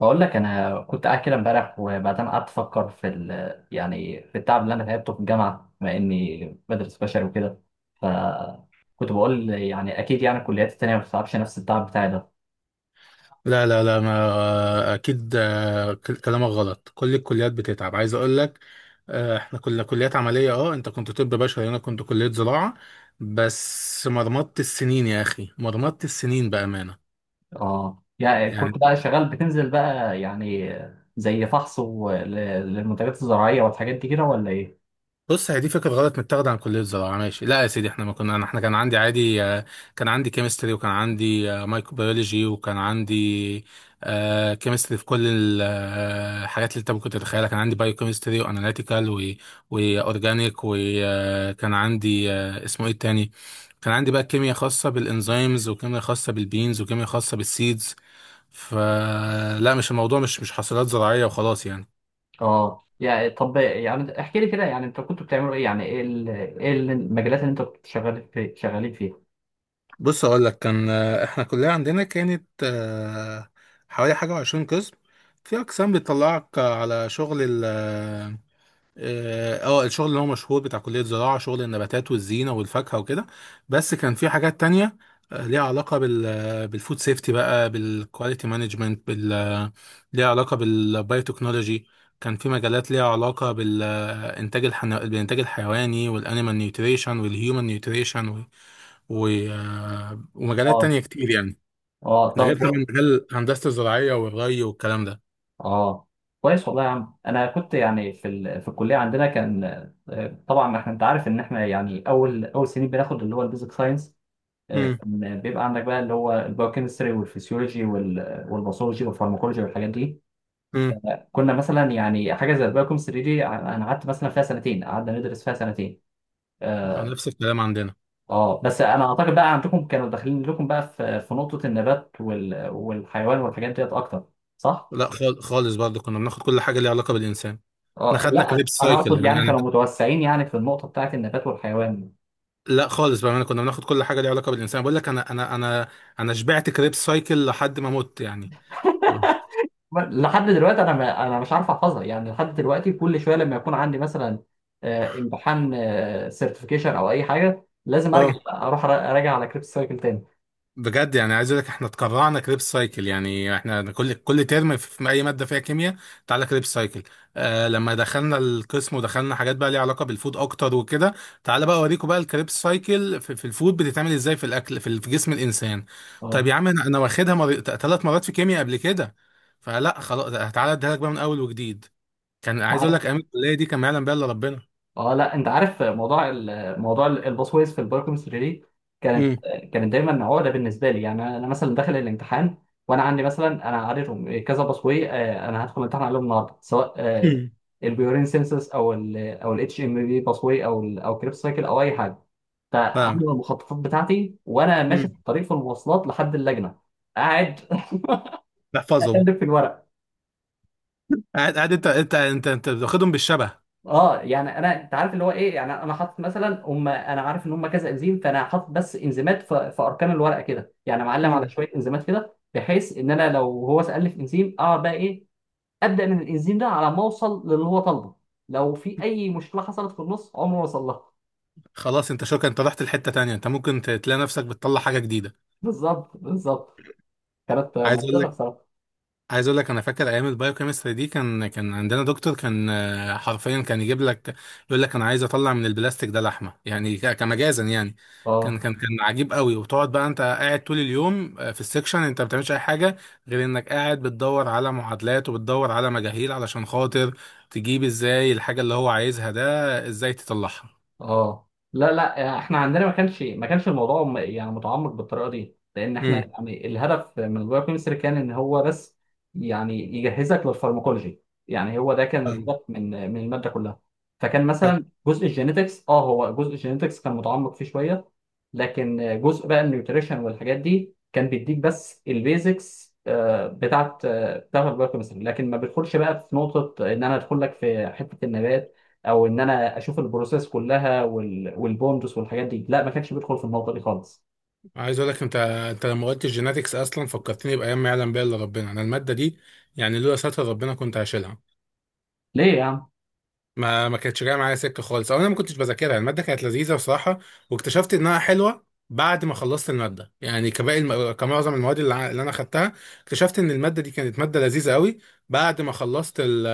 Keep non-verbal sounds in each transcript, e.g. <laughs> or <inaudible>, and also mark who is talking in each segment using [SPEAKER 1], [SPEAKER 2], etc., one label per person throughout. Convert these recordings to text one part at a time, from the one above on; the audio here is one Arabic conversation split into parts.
[SPEAKER 1] بقول لك انا كنت قاعد كده امبارح، وبعدين قعدت افكر يعني في التعب اللي انا تعبته في الجامعه بما اني بدرس بشري وكده. ف كنت بقول يعني اكيد يعني الكليات التانيه ما بتتعبش نفس التعب بتاعي ده.
[SPEAKER 2] لا لا لا، ما اكيد، كلامك غلط. كل الكليات بتتعب، عايز اقول لك. احنا كنا كليات عمليه. اه، انت كنت طب بشري، انا كنت كليه زراعه. بس مرمطت السنين يا اخي، مرمطت السنين بامانه
[SPEAKER 1] اه، يعني كنت
[SPEAKER 2] يعني.
[SPEAKER 1] بقى شغال بتنزل بقى يعني زي فحص للمنتجات الزراعيه والحاجات دي كده ولا ايه؟
[SPEAKER 2] بص، هي دي فكره غلط متاخده عن كليه الزراعه، ماشي؟ لا يا سيدي، احنا ما كنا انا احنا كان عندي عادي. كان عندي كيمستري، وكان عندي مايكروبيولوجي، وكان عندي كيمستري في كل الحاجات اللي انت ممكن تتخيلها. كان عندي بايو كيمستري واناليتيكال واورجانيك، وكان عندي اسمه ايه التاني. كان عندي بقى كيمياء خاصه بالانزيمز، وكيمياء خاصه بالبينز، وكيمياء خاصه بالسيدز. فلا، مش الموضوع، مش حاصلات زراعيه وخلاص يعني.
[SPEAKER 1] اه، يعني طب، يعني احكي لي كده، يعني انتوا كنتوا بتعملوا ايه؟ يعني ايه المجالات اللي انتوا كنتوا شغالين فيها؟
[SPEAKER 2] بص، اقول لك. كان احنا كلية عندنا كانت حوالي حاجة وعشرين قسم. في اقسام بتطلعك على شغل ال اه آه، الشغل اللي هو مشهور بتاع كلية زراعة، شغل النباتات والزينة والفاكهة وكده. بس كان في حاجات تانية ليها علاقة بالفود سيفتي، بقى بالكواليتي مانجمنت، بال آه، ليها علاقة بالبايوتكنولوجي. كان في مجالات ليها علاقة بالإنتاج الحيواني، والأنيمال نيوتريشن، والهيومن نيوتريشن. و... آه، ومجالات
[SPEAKER 1] اه.
[SPEAKER 2] تانية كتير يعني.
[SPEAKER 1] اه.
[SPEAKER 2] ده
[SPEAKER 1] طب.
[SPEAKER 2] غير طبعا مجال هندسة الزراعية والري والكلام ده.
[SPEAKER 1] اه، كويس والله يا عم. انا كنت يعني في الكليه عندنا كان. طبعا احنا، انت عارف ان احنا يعني اول اول سنين بناخد اللي هو البيزك ساينس.
[SPEAKER 2] امم.
[SPEAKER 1] كان بيبقى عندك بقى اللي هو البايوكيمستري والفسيولوجي والباثولوجي والفارماكولوجي والحاجات دي.
[SPEAKER 2] امم.
[SPEAKER 1] كنا مثلا يعني حاجه زي البايوكيمستري دي انا قعدت مثلا فيها سنتين، قعدنا ندرس فيها سنتين. اه.
[SPEAKER 2] نفس الكلام عندنا.
[SPEAKER 1] بس انا اعتقد بقى عندكم كانوا داخلين لكم بقى في في نقطه النبات والحيوان والحاجات ديت اكتر، صح؟
[SPEAKER 2] لا، خالص برضه كنا بناخد كل حاجة ليها علاقة بالإنسان. احنا
[SPEAKER 1] اه،
[SPEAKER 2] خدنا
[SPEAKER 1] لا،
[SPEAKER 2] كريب
[SPEAKER 1] انا
[SPEAKER 2] سايكل
[SPEAKER 1] اقصد
[SPEAKER 2] يعني.
[SPEAKER 1] يعني
[SPEAKER 2] انا
[SPEAKER 1] كانوا متوسعين يعني في النقطه بتاعت النبات والحيوان.
[SPEAKER 2] لا خالص بقى، انا كنا بناخد كل حاجة ليها علاقة بالإنسان، بقول لك. انا شبعت كريب سايكل لحد ما مت يعني.
[SPEAKER 1] لحد دلوقتي انا ما انا مش عارف احفظها يعني، لحد دلوقتي كل شويه لما يكون عندي مثلا امتحان سيرتيفيكيشن او اي حاجه، لازم ارجع
[SPEAKER 2] اه.
[SPEAKER 1] اروح اراجع على كريب سايكل تاني.
[SPEAKER 2] بجد يعني، عايز اقول لك، احنا اتكرعنا كريب سايكل يعني. احنا كل ترم، في اي ماده فيها كيمياء، تعالى كريب سايكل. لما دخلنا القسم ودخلنا حاجات بقى ليها علاقه بالفود اكتر وكده، تعالى بقى اوريكم بقى الكريب سايكل في الفود بتتعمل ازاي، في الاكل في جسم الانسان.
[SPEAKER 1] اه،
[SPEAKER 2] طيب يا عم، أنا واخدها 3 مرات في كيمياء قبل كده. فلا خلاص، تعالى اديها لك بقى من اول وجديد. كان
[SPEAKER 1] انت
[SPEAKER 2] عايز اقول
[SPEAKER 1] عارف.
[SPEAKER 2] لك، ايام الكليه دي كان ما يعلم بها الا ربنا.
[SPEAKER 1] اه لا، انت عارف موضوع الباسويز في البايوكيمستري دي. كانت
[SPEAKER 2] مم.
[SPEAKER 1] كانت دايما عقده بالنسبه لي. يعني انا مثلا داخل الامتحان وانا عندي مثلا، انا عارفهم كذا باسوي. انا هدخل الامتحان عليهم النهارده سواء
[SPEAKER 2] مم.
[SPEAKER 1] البيورين سينسس او ال او الاتش ام بي باسوي او ال او كريبس سايكل او اي حاجه.
[SPEAKER 2] فاهم.
[SPEAKER 1] فعامل المخططات بتاعتي وانا ماشي في
[SPEAKER 2] مم.
[SPEAKER 1] الطريق في المواصلات لحد اللجنه، قاعد <laughs>
[SPEAKER 2] تحفظهم.
[SPEAKER 1] اقلب في الورق.
[SPEAKER 2] قاعد، انت بتاخدهم بالشبه.
[SPEAKER 1] اه، يعني انت عارف اللي هو ايه، يعني انا حاطط مثلا هم، انا عارف ان هم كذا انزيم، فانا حاطط بس انزيمات في اركان الورقه كده. يعني معلم على شويه انزيمات كده بحيث ان انا لو هو سالني في انزيم، اقعد بقى ايه، ابدا من الانزيم ده على ما اوصل للي هو طالبه. لو في اي مشكله حصلت في النص، عمره ما وصل لها.
[SPEAKER 2] خلاص، انت شكرا، انت رحت لحته تانية. انت ممكن تلاقي نفسك بتطلع حاجه جديده.
[SPEAKER 1] بالظبط بالظبط. كانت
[SPEAKER 2] عايز اقول
[SPEAKER 1] مضحكه
[SPEAKER 2] لك
[SPEAKER 1] بصراحه.
[SPEAKER 2] عايز اقول لك، انا فاكر ايام البايوكيمستري دي. كان عندنا دكتور، كان حرفيا كان يجيب لك يقول لك: انا عايز اطلع من البلاستيك ده لحمه يعني، كمجازا يعني. كان
[SPEAKER 1] اه.
[SPEAKER 2] كان كان عجيب قوي. وتقعد بقى انت، قاعد طول اليوم في السكشن. انت ما بتعملش اي حاجه غير انك قاعد بتدور على معادلات وبتدور على مجاهيل، علشان خاطر تجيب ازاي الحاجه اللي هو عايزها ده، ازاي تطلعها.
[SPEAKER 1] اه. لا لا، احنا عندنا ما كانش الموضوع يعني متعمق بالطريقه دي، لان احنا يعني الهدف من البايو كيمستري كان ان هو بس يعني يجهزك للفارماكولوجي. يعني هو ده كان
[SPEAKER 2] امم.
[SPEAKER 1] الهدف من من الماده كلها. فكان مثلا جزء الجينيتكس كان متعمق فيه شويه. لكن جزء بقى النيوتريشن والحاجات دي كان بيديك بس البيزكس بتاعت، بتاعت البايو كيمستري. لكن ما بيدخلش بقى في نقطه ان انا ادخل لك في حته النبات، او ان انا اشوف البروسيس كلها والبوندس والحاجات دي. لا، ما كانش بيدخل في النقطه دي خالص.
[SPEAKER 2] عايز اقول لك، انت لما قلت الجيناتكس اصلا فكرتني بايام ما يعلم بها الا ربنا. انا الماده دي، يعني لولا ستر ربنا كنت هشيلها.
[SPEAKER 1] ليه يا عم؟
[SPEAKER 2] ما كانتش جايه معايا سكه خالص، او انا ما كنتش بذاكرها. الماده كانت لذيذه بصراحه، واكتشفت انها حلوه بعد ما خلصت الماده، يعني كباقي كمعظم المواد اللي انا خدتها. اكتشفت ان الماده دي كانت ماده لذيذه قوي، بعد ما خلصت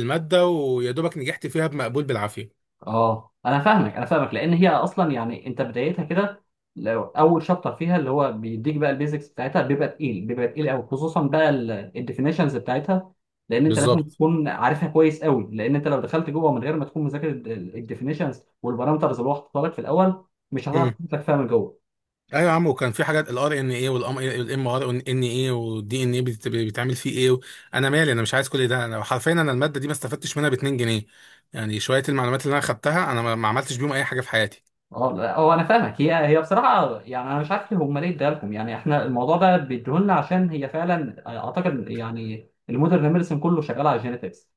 [SPEAKER 2] الماده، ويا دوبك نجحت فيها بمقبول بالعافيه.
[SPEAKER 1] اه، انا فاهمك انا فاهمك. لان هي اصلا يعني انت بدايتها كده، لو اول شابتر فيها اللي هو بيديك بقى البيزكس بتاعتها بيبقى تقيل، بيبقى تقيل قوي، خصوصا بقى الديفينيشنز بتاعتها. لان انت لازم
[SPEAKER 2] بالظبط.
[SPEAKER 1] تكون عارفها كويس قوي، لان انت لو دخلت جوه من غير ما تكون مذاكر الديفينيشنز والبارامترز اللي هو حاططها لك في الاول، مش هتعرف تفهم من جوه.
[SPEAKER 2] ايوه يا عم، وكان في حاجات الRNA والام ار ان اي والدي ان اي، بيتعمل فيه ايه انا مالي؟ انا مش عايز كل ده. انا حرفيا، انا الماده دي ما استفدتش منها ب 2 جنيه يعني. شويه المعلومات اللي انا خدتها، انا ما عملتش بيهم اي حاجه في حياتي.
[SPEAKER 1] اه، لا، هو انا فاهمك. هي بصراحه، يعني انا مش عارف ليه اديها لكم يعني. احنا الموضوع ده بيديهولنا عشان هي فعلا اعتقد يعني المودرن ميديسن كله شغال على الجينيتكس.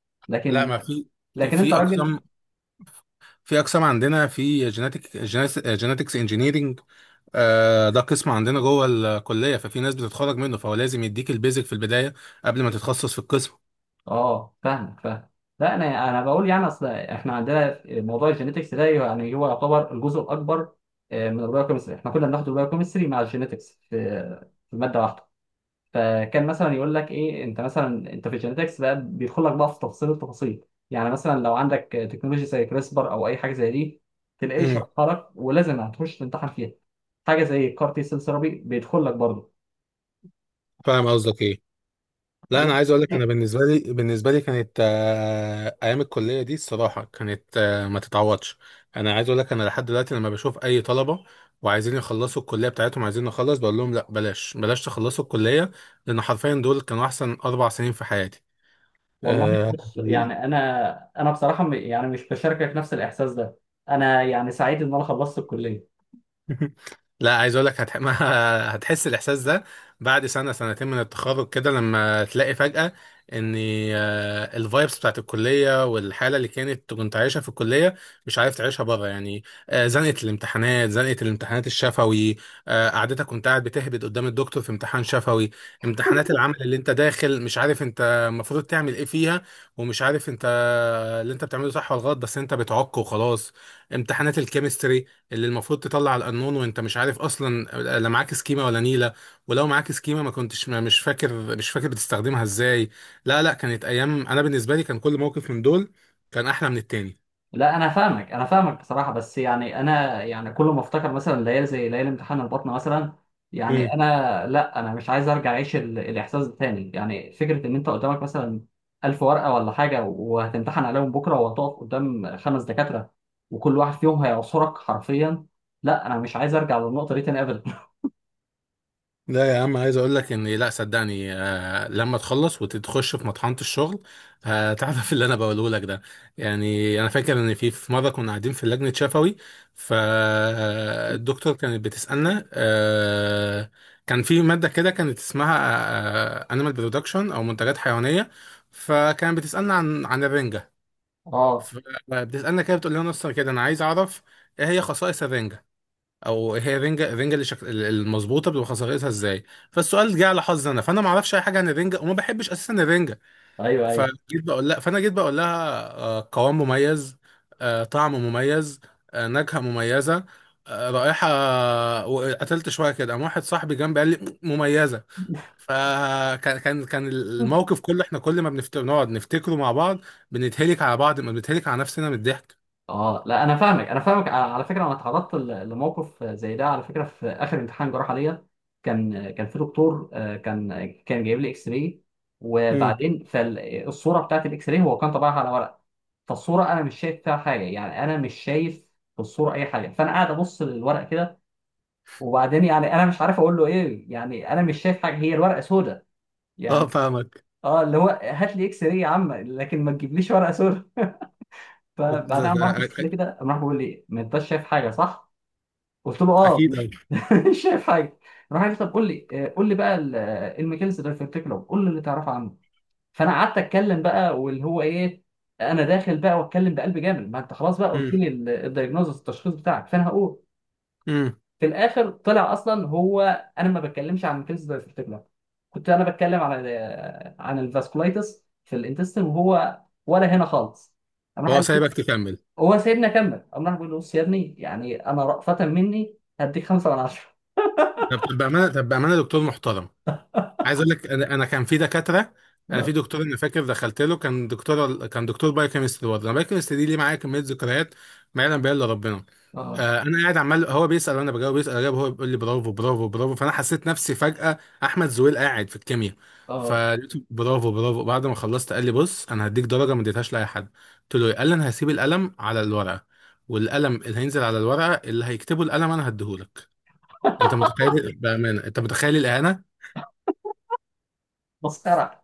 [SPEAKER 2] لا،
[SPEAKER 1] لكن،
[SPEAKER 2] ما في في
[SPEAKER 1] لكن انت
[SPEAKER 2] في
[SPEAKER 1] راجل.
[SPEAKER 2] اقسام في اقسام عندنا في جيناتكس انجينيرنج. ده قسم عندنا جوه الكليه، ففي ناس بتتخرج منه، فهو لازم يديك البيزك في البدايه قبل ما تتخصص في القسم.
[SPEAKER 1] اه، فاهمك فاهم. لا، انا بقول يعني اصل احنا عندنا موضوع الجينيتكس ده، يعني هو يعتبر الجزء الاكبر من البايوكيمستري. احنا كنا بناخد البايوكيمستري مع الجينيتكس في ماده واحده. فكان مثلا يقول لك ايه، انت مثلا انت في الجينيتكس بقى بيدخل لك بقى في تفاصيل التفاصيل. يعني مثلا لو عندك تكنولوجيا زي كريسبر او اي حاجه زي دي، تلاقيه
[SPEAKER 2] امم.
[SPEAKER 1] يشرحها لك ولازم هتخش تمتحن فيها. حاجه زي الكار تي سيل ثيرابي بيدخل لك برضه.
[SPEAKER 2] فاهم قصدك ايه. لا، انا
[SPEAKER 1] والله.
[SPEAKER 2] عايز اقول لك، انا بالنسبه لي، كانت ايام الكليه دي الصراحه كانت ما تتعوضش. انا عايز اقول لك، انا لحد دلوقتي لما بشوف اي طلبه وعايزين يخلصوا الكليه بتاعتهم، عايزين نخلص، بقول لهم لا، بلاش بلاش تخلصوا الكليه. لان حرفيا دول كانوا احسن 4 سنين في حياتي.
[SPEAKER 1] والله،
[SPEAKER 2] آه،
[SPEAKER 1] بص يعني انا بصراحه يعني مش بشاركك نفس الاحساس ده. انا يعني سعيد ان انا خلصت الكليه.
[SPEAKER 2] <laughs> لا عايز اقول لك <laughs> ما هتحس الاحساس ده بعد سنه سنتين من التخرج كده، لما تلاقي فجاه ان الفايبس بتاعت الكليه والحاله اللي كنت عايشها في الكليه مش عارف تعيشها بره يعني. زنقه الامتحانات، زنقه الامتحانات الشفوي. قعدتك كنت قاعد بتهبد قدام الدكتور في امتحان شفوي. امتحانات العمل اللي انت داخل مش عارف انت المفروض تعمل ايه فيها، ومش عارف انت اللي انت بتعمله صح ولا غلط، بس انت بتعك وخلاص. امتحانات الكيمستري اللي المفروض تطلع القانون وانت مش عارف اصلا، لا معاك سكيمه ولا نيله. ولو معاك سكيمه ما كنتش ما مش فاكر بتستخدمها ازاي. لا لا، كانت ايام. انا بالنسبه لي، كان كل موقف من دول كان احلى من التاني.
[SPEAKER 1] لا، انا فاهمك انا فاهمك بصراحه، بس يعني انا يعني كل ما افتكر مثلا ليالي زي ليالي امتحان البطنه مثلا، يعني انا، لا انا مش عايز ارجع اعيش الاحساس ده تاني. يعني فكره ان انت قدامك مثلا 1000 ورقه ولا حاجه وهتمتحن عليهم بكره، وهتقف قدام خمس دكاتره وكل واحد فيهم هيعصرك حرفيا. لا انا مش عايز ارجع للنقطه دي تاني ابدا. <laughs>
[SPEAKER 2] لا يا عم، عايز اقول لك ان، لا صدقني، لما تخلص وتخش في مطحنة الشغل هتعرف <laughs> اللي انا بقوله لك ده. يعني انا فاكر ان في مره كنا قاعدين في لجنه شفوي. فالدكتور كانت بتسالنا، كان في ماده كده كانت اسمها انيمال برودكشن او منتجات حيوانيه، فكانت بتسالنا عن الرنجه.
[SPEAKER 1] اه.
[SPEAKER 2] فبتسالنا كده، بتقول لنا: اصلا كده انا عايز اعرف، ايه هي خصائص الرنجه، او هي رينجا رينجا اللي المظبوطه بتبقى خسارتها ازاي؟ فالسؤال جه على حظي انا. فانا ما اعرفش اي حاجه عن الرينجا، وما بحبش اساسا الرينجا.
[SPEAKER 1] ايوه، ايوه.
[SPEAKER 2] فجيت بقول لها فانا جيت بقول لها: قوام مميز، طعم مميز، نكهه مميزه، رائحه وقتلت شويه كده، قام واحد صاحبي جنبي قال لي: مميزه. فكان كان كان
[SPEAKER 1] <laughs>
[SPEAKER 2] الموقف كله. احنا كل ما نقعد نفتكره مع بعض بنتهلك على بعض، بنتهلك على نفسنا من الضحك.
[SPEAKER 1] اه، لا انا فاهمك انا فاهمك. على فكره انا اتعرضت لموقف زي ده. على فكره، في اخر امتحان جراحه ليا كان، كان في دكتور كان جايب لي اكس راي.
[SPEAKER 2] امم.
[SPEAKER 1] وبعدين فالصوره بتاعت الاكس راي هو كان طبعها على ورق. فالصوره انا مش شايف فيها حاجه، يعني انا مش شايف في الصوره اي حاجه، فانا قاعد ابص للورق كده. وبعدين يعني انا مش عارف اقول له ايه، يعني انا مش شايف حاجه، هي الورقه سوداء
[SPEAKER 2] اه
[SPEAKER 1] يعني.
[SPEAKER 2] فاهمك.
[SPEAKER 1] اه، اللي هو هات لي اكس راي يا عم، لكن ما تجيبليش ورقه سوداء.
[SPEAKER 2] أ-
[SPEAKER 1] فبعدها قام راح بص لي
[SPEAKER 2] أ-
[SPEAKER 1] كده، قام راح بيقول لي: ما انتش شايف حاجه، صح؟ قلت له اه
[SPEAKER 2] اكيد.
[SPEAKER 1] <laughs> مش شايف حاجه. راح قال لي: طب قول لي، قول لي بقى الميكانيزم ده في التكلو، قول لي اللي تعرفه عنه. فانا قعدت اتكلم بقى، واللي هو ايه، انا داخل بقى واتكلم بقلب جامد، ما انت خلاص بقى
[SPEAKER 2] أوي.
[SPEAKER 1] قلت لي الدايجنوزس التشخيص بتاعك، فانا هقول.
[SPEAKER 2] امم.
[SPEAKER 1] في الاخر طلع اصلا هو، انا ما بتكلمش عن الميكانيزم ده في التكلو، كنت انا بتكلم عن ال- آه، عن الفاسكولايتس في الانتستين، وهو ولا هنا خالص. قام راح
[SPEAKER 2] وهو
[SPEAKER 1] قال،
[SPEAKER 2] سايبك تكمل؟
[SPEAKER 1] هو سايبني اكمل، قام راح بيقول له: بص يا ابني، يعني انا رأفة مني هديك 5/10.
[SPEAKER 2] طب بامانه، دكتور محترم. عايز اقول لك، انا كان في دكاتره. انا في
[SPEAKER 1] اه.
[SPEAKER 2] دكتور انا فاكر دخلت له، كان دكتور، بايوكيمستري برضه. انا بايوكيمستري دي ليه معايا كميه ذكريات ما يعلم بها الا ربنا.
[SPEAKER 1] اه.
[SPEAKER 2] انا قاعد عمال هو بيسال وانا بجاوب، بيسال اجاوب، هو بيقول لي: برافو، برافو، برافو. فانا حسيت نفسي فجاه احمد زويل قاعد في الكيمياء.
[SPEAKER 1] اه.
[SPEAKER 2] فقلت برافو برافو. بعد ما خلصت قال لي: بص، انا هديك درجه ما اديتهاش لاي حد. قلت له: إيه؟ قال لي: انا هسيب القلم على الورقه، والقلم اللي هينزل على الورقه، اللي هيكتبه القلم انا هديهولك. انت متخيل بامانه؟ انت متخيل الاهانه؟
[SPEAKER 1] مسخرة.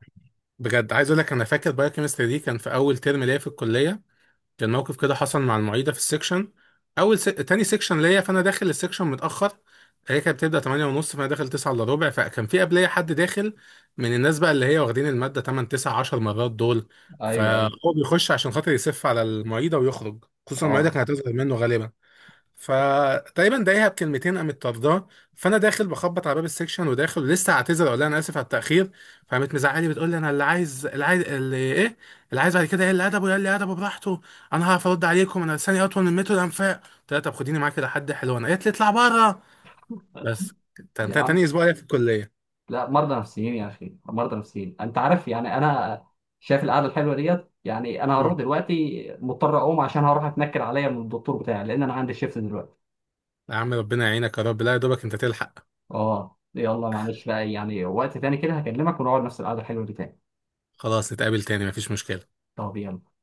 [SPEAKER 2] بجد، عايز اقول لك، انا فاكر بايوكيمستري دي كان في اول ترم ليا في الكليه. كان موقف كده حصل مع المعيده في السكشن. تاني سكشن ليا، فانا داخل السكشن متاخر. هي كانت بتبدا 8 ونص، فانا داخل 9 الا ربع. فكان في قبليه حد داخل من الناس بقى، اللي هي واخدين الماده 8 9 10 مرات دول.
[SPEAKER 1] ايوه ايوه.
[SPEAKER 2] فهو بيخش عشان خاطر يسف على المعيده ويخرج، خصوصا المعيده
[SPEAKER 1] اه
[SPEAKER 2] كانت هتظهر منه غالبا. فتقريبا ضايقها بكلمتين، قامت طرداه. فانا داخل بخبط على باب السكشن وداخل ولسه هعتذر، اقول لها انا اسف على التاخير. فقامت مزعلي، بتقول لي: انا اللي عايز، اللي عايز، اللي ايه اللي عايز بعد كده، ايه اللي ادبه؟ يقول لي ادبه براحته. انا هعرف ارد عليكم، انا لساني اطول من متر الانفاق. قلت لها: طب خديني معاك كده، حد حلو انا. قالت لي: اطلع بره. بس
[SPEAKER 1] يا
[SPEAKER 2] تاني
[SPEAKER 1] عم،
[SPEAKER 2] اسبوع ليا في الكليه.
[SPEAKER 1] لا، مرضى نفسيين يا اخي، مرضى نفسيين. انت عارف يعني، انا شايف القعده الحلوه ديت، يعني انا هروح
[SPEAKER 2] مم.
[SPEAKER 1] دلوقتي مضطر اقوم عشان هروح اتنكر عليا من الدكتور بتاعي، لان انا عندي شيفت دلوقتي.
[SPEAKER 2] يا عم، ربنا يعينك يا رب. لا يا دوبك انت تلحق.
[SPEAKER 1] اه، يلا معلش بقى يعني، وقت تاني كده هكلمك ونقعد نفس القعده الحلوه دي تاني.
[SPEAKER 2] خلاص، نتقابل تاني مفيش مشكله.
[SPEAKER 1] طب يلا.